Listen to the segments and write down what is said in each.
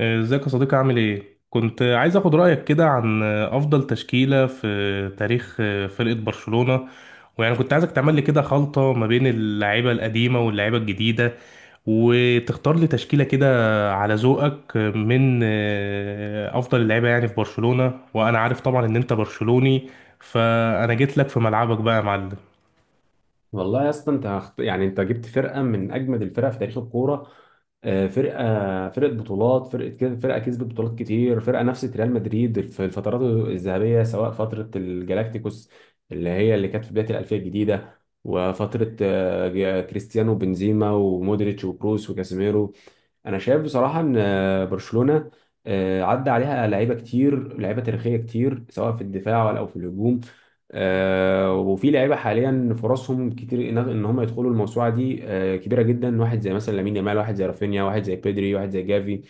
ازيك يا صديقي؟ عامل ايه؟ كنت عايز اخد رأيك كده عن افضل تشكيلة في تاريخ فرقة برشلونة، ويعني كنت عايزك تعمل لي كده خلطة ما بين اللعيبة القديمة واللعيبة الجديدة، وتختار لي تشكيلة كده على ذوقك من افضل اللعيبة يعني في برشلونة. وانا عارف طبعا ان انت برشلوني، فانا جيت لك في ملعبك بقى يا معلم. والله يا اسطى انت هخت... يعني انت جبت فرقه من اجمد الفرق في تاريخ الكوره. فرقه بطولات، فرقه كده، فرقه كسبت بطولات كتير، فرقه نفست ريال مدريد في الفترات الذهبيه، سواء فتره الجلاكتيكوس اللي هي اللي كانت في بدايه الالفيه الجديده، وفتره كريستيانو، بنزيما، ومودريتش، وكروس، وكاسيميرو. انا شايف بصراحه ان برشلونه عدى عليها لعيبه كتير، لعيبه تاريخيه كتير، سواء في الدفاع ولا او في الهجوم. وفي لعيبه حاليا فرصهم كتير إن هم يدخلوا الموسوعه دي كبيره جدا، واحد زي مثلا لامين يامال، واحد زي رافينيا، واحد زي بيدري، واحد زي جافي.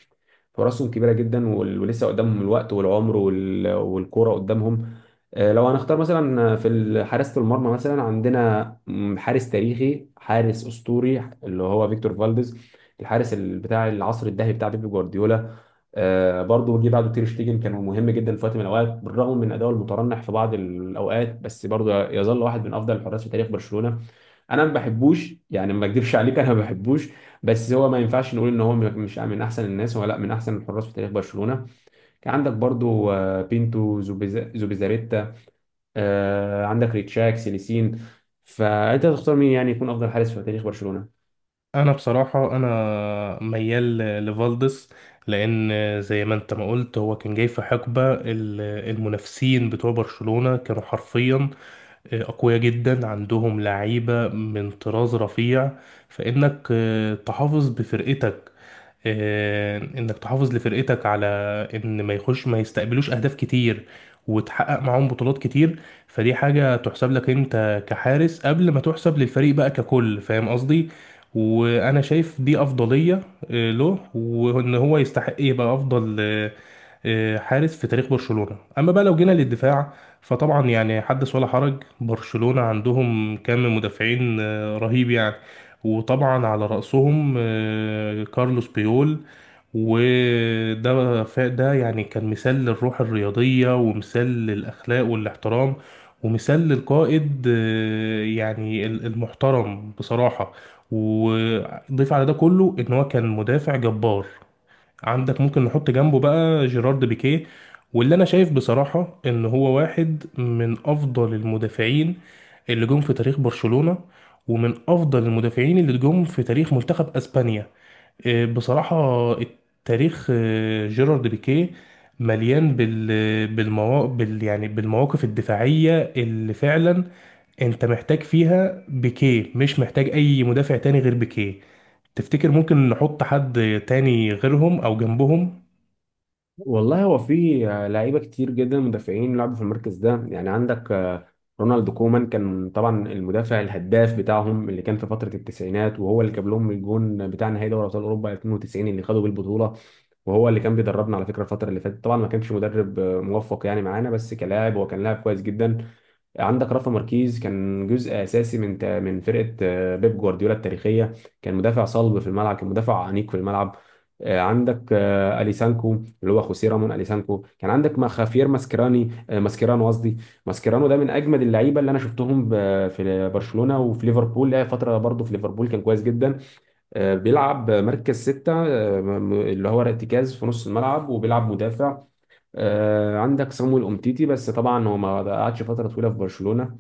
فرصهم كبيره جدا، ولسه قدامهم الوقت والعمر، والكوره قدامهم. لو هنختار مثلا في حراسه المرمى، مثلا عندنا حارس تاريخي، حارس اسطوري، اللي هو فيكتور فالديز، الحارس بتاع العصر الذهبي بتاع بيب جوارديولا. برضه جه بعده تير شتيجن، كان مهم جدا في وقت من الاوقات، بالرغم من اداؤه المترنح في بعض الاوقات، بس برضه يظل واحد من افضل الحراس في تاريخ برشلونه. انا ما بحبوش، يعني ما اكذبش عليك انا ما بحبوش، بس هو ما ينفعش نقول ان هو مش من احسن الناس، هو لا من احسن الحراس في تاريخ برشلونه. كان عندك برضو بينتو، زوبيزاريتا، عندك ريتشاك سيليسين. فانت تختار مين يعني يكون افضل حارس في تاريخ برشلونه؟ انا بصراحه انا ميال لفالدس، لان زي ما انت ما قلت هو كان جاي في حقبه المنافسين بتوع برشلونه كانوا حرفيا اقوياء جدا، عندهم لعيبه من طراز رفيع. فانك تحافظ بفرقتك، انك تحافظ لفرقتك على ان ما يستقبلوش اهداف كتير، وتحقق معاهم بطولات كتير. فدي حاجة تحسب لك انت كحارس قبل ما تحسب للفريق بقى ككل، فاهم قصدي؟ وانا شايف دي افضلية له، وان هو يستحق يبقى افضل حارس في تاريخ برشلونة. اما بقى لو جينا للدفاع، فطبعا يعني حدث ولا حرج، برشلونة عندهم كم مدافعين رهيب يعني. وطبعا على رأسهم كارلوس بيول، وده ده يعني كان مثال للروح الرياضية، ومثال للأخلاق والاحترام، ومثال للقائد يعني المحترم بصراحة. وضيف على ده كله إن هو كان مدافع جبار. عندك ممكن نحط جنبه بقى جيرارد بيكيه، واللي انا شايف بصراحة ان هو واحد من افضل المدافعين اللي جم في تاريخ برشلونة، ومن افضل المدافعين اللي جم في تاريخ منتخب اسبانيا. إيه، بصراحة التاريخ جيرارد بيكيه مليان بال بالموا... بال يعني بالمواقف الدفاعية اللي فعلا انت محتاج فيها بيكيه، مش محتاج اي مدافع تاني غير بيكيه. تفتكر ممكن نحط حد تاني غيرهم او جنبهم؟ والله هو في لعيبه كتير جدا مدافعين لعبوا في المركز ده، يعني عندك رونالد كومان، كان طبعا المدافع الهداف بتاعهم، اللي كان في فتره التسعينات، وهو اللي جاب لهم الجون بتاع نهائي دوري ابطال اوروبا 92 اللي خدوا بيه البطوله. وهو اللي كان بيدربنا على فكره الفتره اللي فاتت، طبعا ما كانش مدرب موفق يعني معانا، بس كلاعب هو كان لاعب كويس جدا. عندك رافا ماركيز، كان جزء اساسي من من فرقه بيب جوارديولا التاريخيه، كان مدافع صلب في الملعب، كان مدافع انيق في الملعب. عندك اليسانكو، اللي هو خوسيه رامون اليسانكو. كان عندك ما خافير ماسكراني آه، ماسكيرانو قصدي. ماسكيرانو ده من اجمد اللعيبه اللي انا شفتهم في برشلونه، وفي ليفربول لها فتره برضه، في ليفربول كان كويس جدا. بيلعب مركز ستة اللي هو ارتكاز في نص الملعب، وبيلعب مدافع. عندك صامويل أومتيتي، بس طبعا هو ما قعدش فترة طويلة في برشلونة.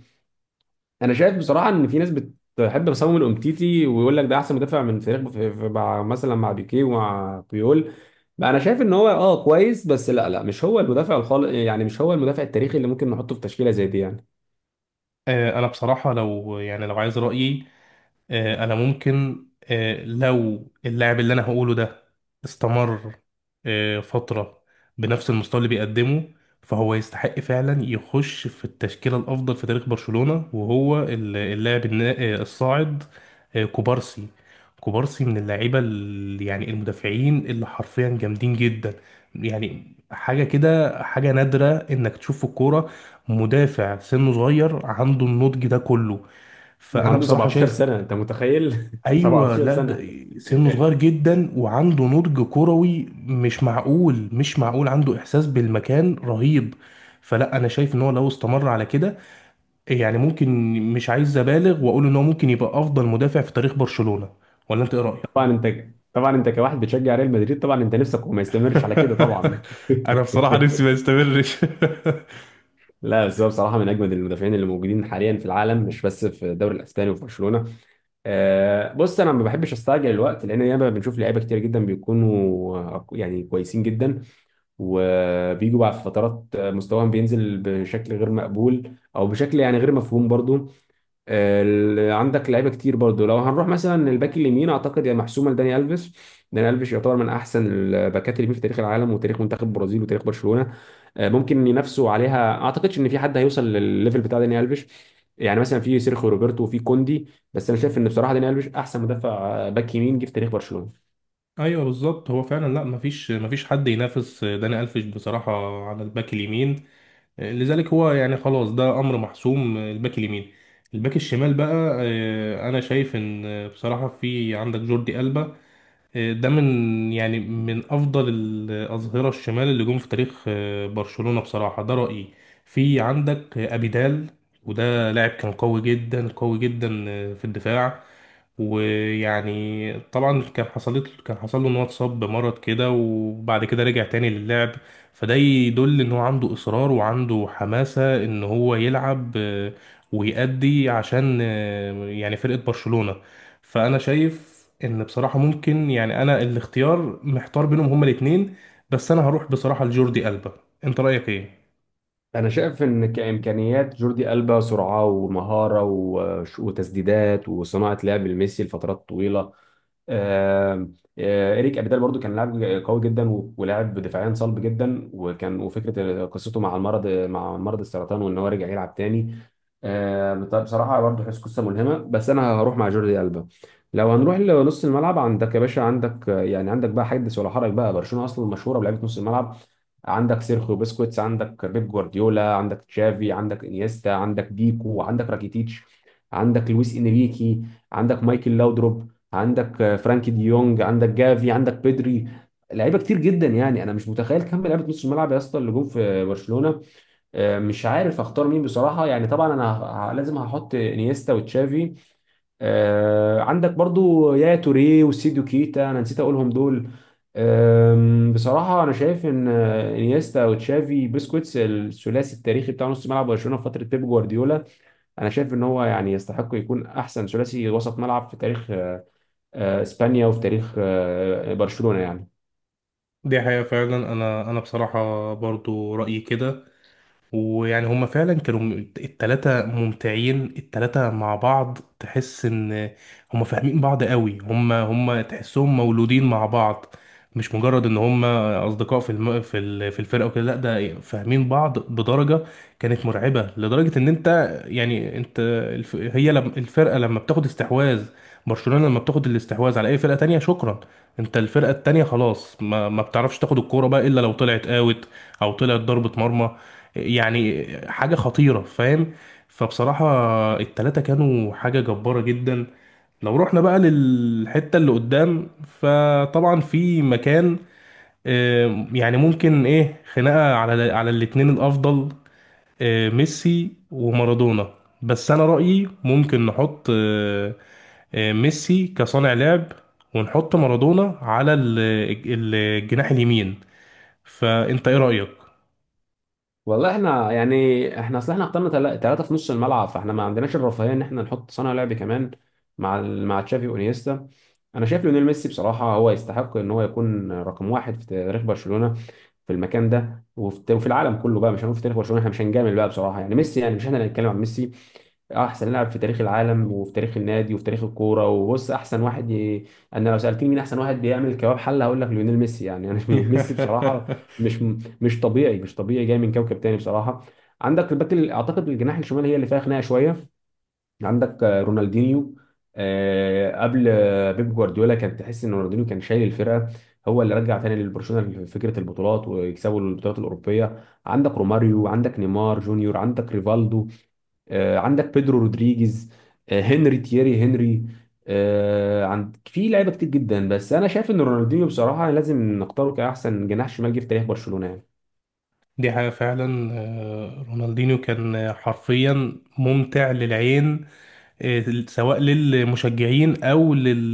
انا شايف بصراحه ان في ناس بتحب بسام الامتيتي ويقول لك ده احسن مدافع من فريق مع مثلا مع بيكيه ومع بيول. بقى انا شايف ان هو اه كويس، بس لا، مش هو المدافع الخالق يعني، مش هو المدافع التاريخي اللي ممكن نحطه في تشكيله زي دي يعني. آه، انا بصراحة لو يعني لو عايز رأيي، انا ممكن، لو اللاعب اللي انا هقوله ده استمر فترة بنفس المستوى اللي بيقدمه، فهو يستحق فعلا يخش في التشكيلة الأفضل في تاريخ برشلونة. وهو ال- اللاعب النا- آه، الصاعد، كوبارسي. كوبارسي من اللعيبة يعني المدافعين اللي حرفيا جامدين جدا، يعني حاجة كده، حاجة نادرة إنك تشوف في الكورة مدافع سنه صغير عنده النضج ده كله. فانا عنده بصراحه 17 شايف، سنه، انت متخيل؟ ايوه، 17 لا ده سنه. سنه صغير جدا وعنده نضج كروي مش معقول، مش معقول، عنده احساس بالمكان رهيب. فلا انا شايف ان هو لو استمر على كده، يعني ممكن، مش عايز ابالغ واقول ان هو ممكن يبقى افضل مدافع في تاريخ برشلونة. ولا انت ايه رايك؟ طبعا انت، طبعا انت كواحد بتشجع ريال مدريد طبعا انت نفسك وما يستمرش على كده طبعا. انا بصراحة نفسي ما يستمرش. لا بس هو بصراحه من اجمد المدافعين اللي موجودين حاليا في العالم، مش بس في الدوري الاسباني وفي برشلونه. بص انا ما بحبش استعجل الوقت، لان ياما بنشوف لعيبه كتير جدا بيكونوا يعني كويسين جدا، وبيجوا بعد فترات مستواهم بينزل بشكل غير مقبول، او بشكل يعني غير مفهوم برضو. عندك لعيبه كتير برضو. لو هنروح مثلا الباك اليمين، اعتقد يا محسومه لداني الفيش. داني الفيش يعتبر من احسن الباكات اليمين في تاريخ العالم، وتاريخ منتخب البرازيل، وتاريخ برشلونه. ممكن ينافسوا عليها، اعتقدش ان في حد هيوصل للليفل بتاع داني الفيش، يعني مثلا في سيرخيو روبرتو وفي كوندي، بس انا شايف ان بصراحه داني الفيش احسن مدافع باك يمين جه في تاريخ برشلونه. ايوه بالظبط، هو فعلا لا، مفيش حد ينافس داني الفيش بصراحة على الباك اليمين. لذلك هو يعني خلاص ده امر محسوم، الباك اليمين. الباك الشمال بقى، آه، انا شايف ان بصراحه في عندك جوردي ألبا. ده من يعني من افضل الاظهره الشمال اللي جم في تاريخ برشلونه بصراحه، ده رايي. في عندك ابيدال، وده لاعب كان قوي جدا، قوي جدا، في الدفاع. ويعني طبعا كان حصل له ان هو اتصاب بمرض كده، وبعد كده رجع تاني للعب. فده يدل ان هو عنده اصرار وعنده حماسة ان هو يلعب، ويأدي عشان يعني فرقة برشلونة. فانا شايف ان بصراحه ممكن، يعني انا الاختيار محتار بينهم هما الاثنين، بس انا هروح بصراحه لجوردي ألبا. انت رايك ايه؟ انا شايف ان كامكانيات جوردي البا، سرعه ومهاره وتسديدات وصناعه لعب لميسي لفترات طويله. آه، إريك أبيدال برضو كان لاعب قوي جدا، ولاعب دفاعيا صلب جدا، وكان وفكرة قصته مع المرض، مع مرض السرطان، وإن هو رجع يلعب تاني. طب بصراحة برضو حس قصة ملهمة، بس أنا هروح مع جوردي ألبا. لو هنروح لنص الملعب، عندك يا باشا عندك يعني عندك بقى حدث ولا حرج بقى، برشلونة أصلا مشهورة بلعيبة نص الملعب. عندك سيرخيو بسكوتس، عندك بيب جوارديولا، عندك تشافي، عندك انيستا، عندك بيكو، عندك راكيتيتش، عندك لويس انريكي، عندك مايكل لاودروب، عندك فرانكي ديونج، عندك جافي، عندك بيدري. لعيبه كتير جدا، يعني انا مش متخيل كم لعيبه نص الملعب يا اسطى اللي جم في برشلونه. مش عارف اختار مين بصراحه، يعني طبعا انا لازم هحط انيستا وتشافي. عندك برضو يا توريه وسيديو كيتا، انا نسيت اقولهم دول. بصراحة أنا شايف إن إنيستا وتشافي بيسكوتس، الثلاثي التاريخي بتاع نص ملعب برشلونة في فترة بيب جوارديولا. أنا شايف إن هو يعني يستحق يكون أحسن ثلاثي وسط ملعب في تاريخ إسبانيا وفي تاريخ برشلونة يعني. دي حقيقه فعلا. انا بصراحه برضو رايي كده. ويعني هما فعلا كانوا التلاتة ممتعين، التلاتة مع بعض تحس ان هما فاهمين بعض قوي. هما تحسهم مولودين مع بعض، مش مجرد ان هما اصدقاء في الم... في ال... في الفرقة وكده. لا ده فاهمين بعض بدرجة كانت مرعبة، لدرجة ان انت يعني انت الف... هي لم... الفرقة لما بتاخد استحواذ، برشلونة لما بتاخد الاستحواذ على اي فرقة تانية، شكرا، انت الفرقة التانية خلاص ما بتعرفش تاخد الكورة بقى الا لو طلعت اوت، او طلعت ضربة مرمى. يعني حاجة خطيرة، فاهم؟ فبصراحة التلاتة كانوا حاجة جبارة جدا. لو رحنا بقى للحتة اللي قدام، فطبعا في مكان، يعني ممكن ايه خناقة على على الاتنين الأفضل، ميسي ومارادونا. بس أنا رأيي ممكن نحط ميسي كصانع لعب، ونحط مارادونا على الجناح اليمين. فأنت ايه رأيك؟ والله احنا يعني احنا اصل احنا اخترنا ثلاثة في نص الملعب، فاحنا ما عندناش الرفاهية ان احنا نحط صانع لعب كمان مع مع تشافي وانيستا. انا شايف ليونيل ميسي بصراحة هو يستحق ان هو يكون رقم واحد في تاريخ برشلونة في المكان ده، وفي العالم كله بقى. مش هنقول في تاريخ برشلونه، احنا مش هنجامل بقى بصراحه يعني، ميسي يعني مش احنا اللي هنتكلم عن ميسي، احسن لاعب في تاريخ العالم وفي تاريخ النادي وفي تاريخ الكوره. وبص، احسن واحد انا لو سالتني مين احسن واحد بيعمل كباب حله هقول لك ليونيل ميسي، يعني انا ميسي بصراحه. مش مش طبيعي، مش طبيعي، جاي من كوكب تاني بصراحه. عندك اعتقد الجناح الشمال هي اللي فيها خناقه شويه. عندك رونالدينيو، قبل بيب جوارديولا كان تحس ان رونالدينيو كان شايل الفرقه، هو اللي رجع تاني للبرشلونه فكره البطولات، ويكسبوا البطولات الاوروبيه. عندك روماريو، عندك نيمار جونيور، عندك ريفالدو، عندك بيدرو رودريجيز، تييري هنري، عند في لعيبه كتير جدا، بس انا شايف ان رونالدينيو بصراحه لازم نختاره كاحسن جناح شمال جه في تاريخ برشلونه يعني. دي حاجة فعلا. آه، رونالدينيو كان حرفيا ممتع للعين، سواء للمشجعين او لل...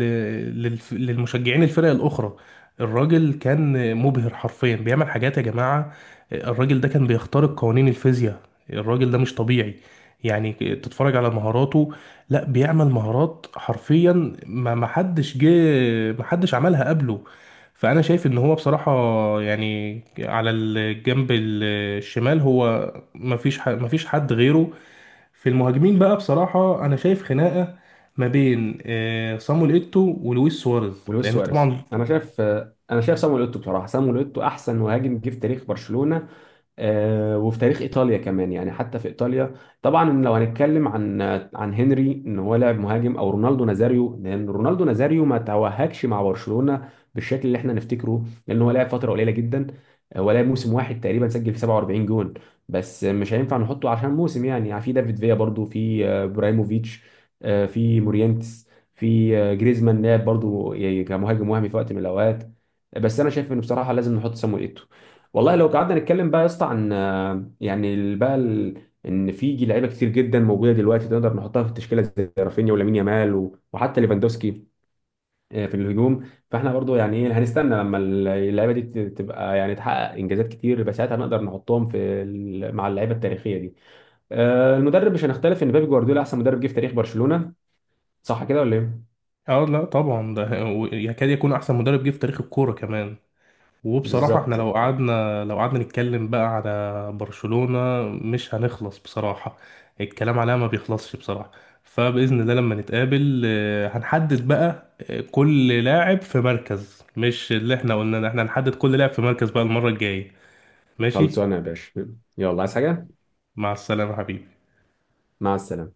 للف- للمشجعين الفرق الاخرى. الراجل كان مبهر حرفيا، بيعمل حاجات يا جماعة. الراجل ده كان بيخترق قوانين الفيزياء، الراجل ده مش طبيعي. يعني تتفرج على مهاراته، لا بيعمل مهارات حرفيا، ما حدش عملها قبله. فانا شايف ان هو بصراحة، يعني على الجنب الشمال هو ما فيش حد غيره. في المهاجمين بقى بصراحة أنا شايف خناقة ما بين صامويل إيتو ولويس سواريز، ولويس لأن سواريز، طبعا انا شايف انا شايف صامويل اوتو بصراحه، صامويل اوتو احسن مهاجم جه في تاريخ برشلونه، وفي تاريخ ايطاليا كمان، يعني حتى في ايطاليا. طبعا لو هنتكلم عن هنري ان هو لاعب مهاجم، او رونالدو نازاريو، لان رونالدو نازاريو ما توهجش مع برشلونة بالشكل اللي احنا نفتكره، لان هو لعب فترة قليلة جدا، هو لعب موسم واحد تقريبا، سجل في 47 جون. بس مش هينفع نحطه عشان موسم يعني، يعني في دافيد فيا برضو، في ابراهيموفيتش، في مورينتس، في جريزمان لعب برضو يعني كمهاجم وهمي في وقت من الاوقات. بس انا شايف انه بصراحة لازم نحط سامويل. والله لو قعدنا نتكلم بقى يا اسطى عن يعني ان في لعيبه كتير جدا موجوده دلوقتي تقدر نحطها في التشكيله، زي رافينيا ولامين يامال وحتى ليفاندوسكي في الهجوم. فاحنا برضو يعني ايه، هنستنى لما اللعيبه دي تبقى يعني تحقق انجازات كتير، يبقى ساعتها نقدر نحطهم في ال... مع اللعيبه التاريخيه دي. المدرب مش هنختلف ان بيب جوارديولا احسن مدرب جه في تاريخ برشلونه. صح كده ولا ايه؟ اه لا طبعا ده يكاد يكون أحسن مدرب جه في تاريخ الكورة كمان. وبصراحة احنا بالظبط. لو قعدنا نتكلم بقى على برشلونة مش هنخلص بصراحة، الكلام عليها ما بيخلصش بصراحة. فبإذن الله لما نتقابل، هنحدد بقى كل لاعب في مركز. مش اللي احنا قلنا، احنا هنحدد كل لاعب في مركز بقى المرة الجاية. ماشي، خلصانه يا باشا، يلا عايز حاجه؟ مع السلامة حبيبي. مع السلامه.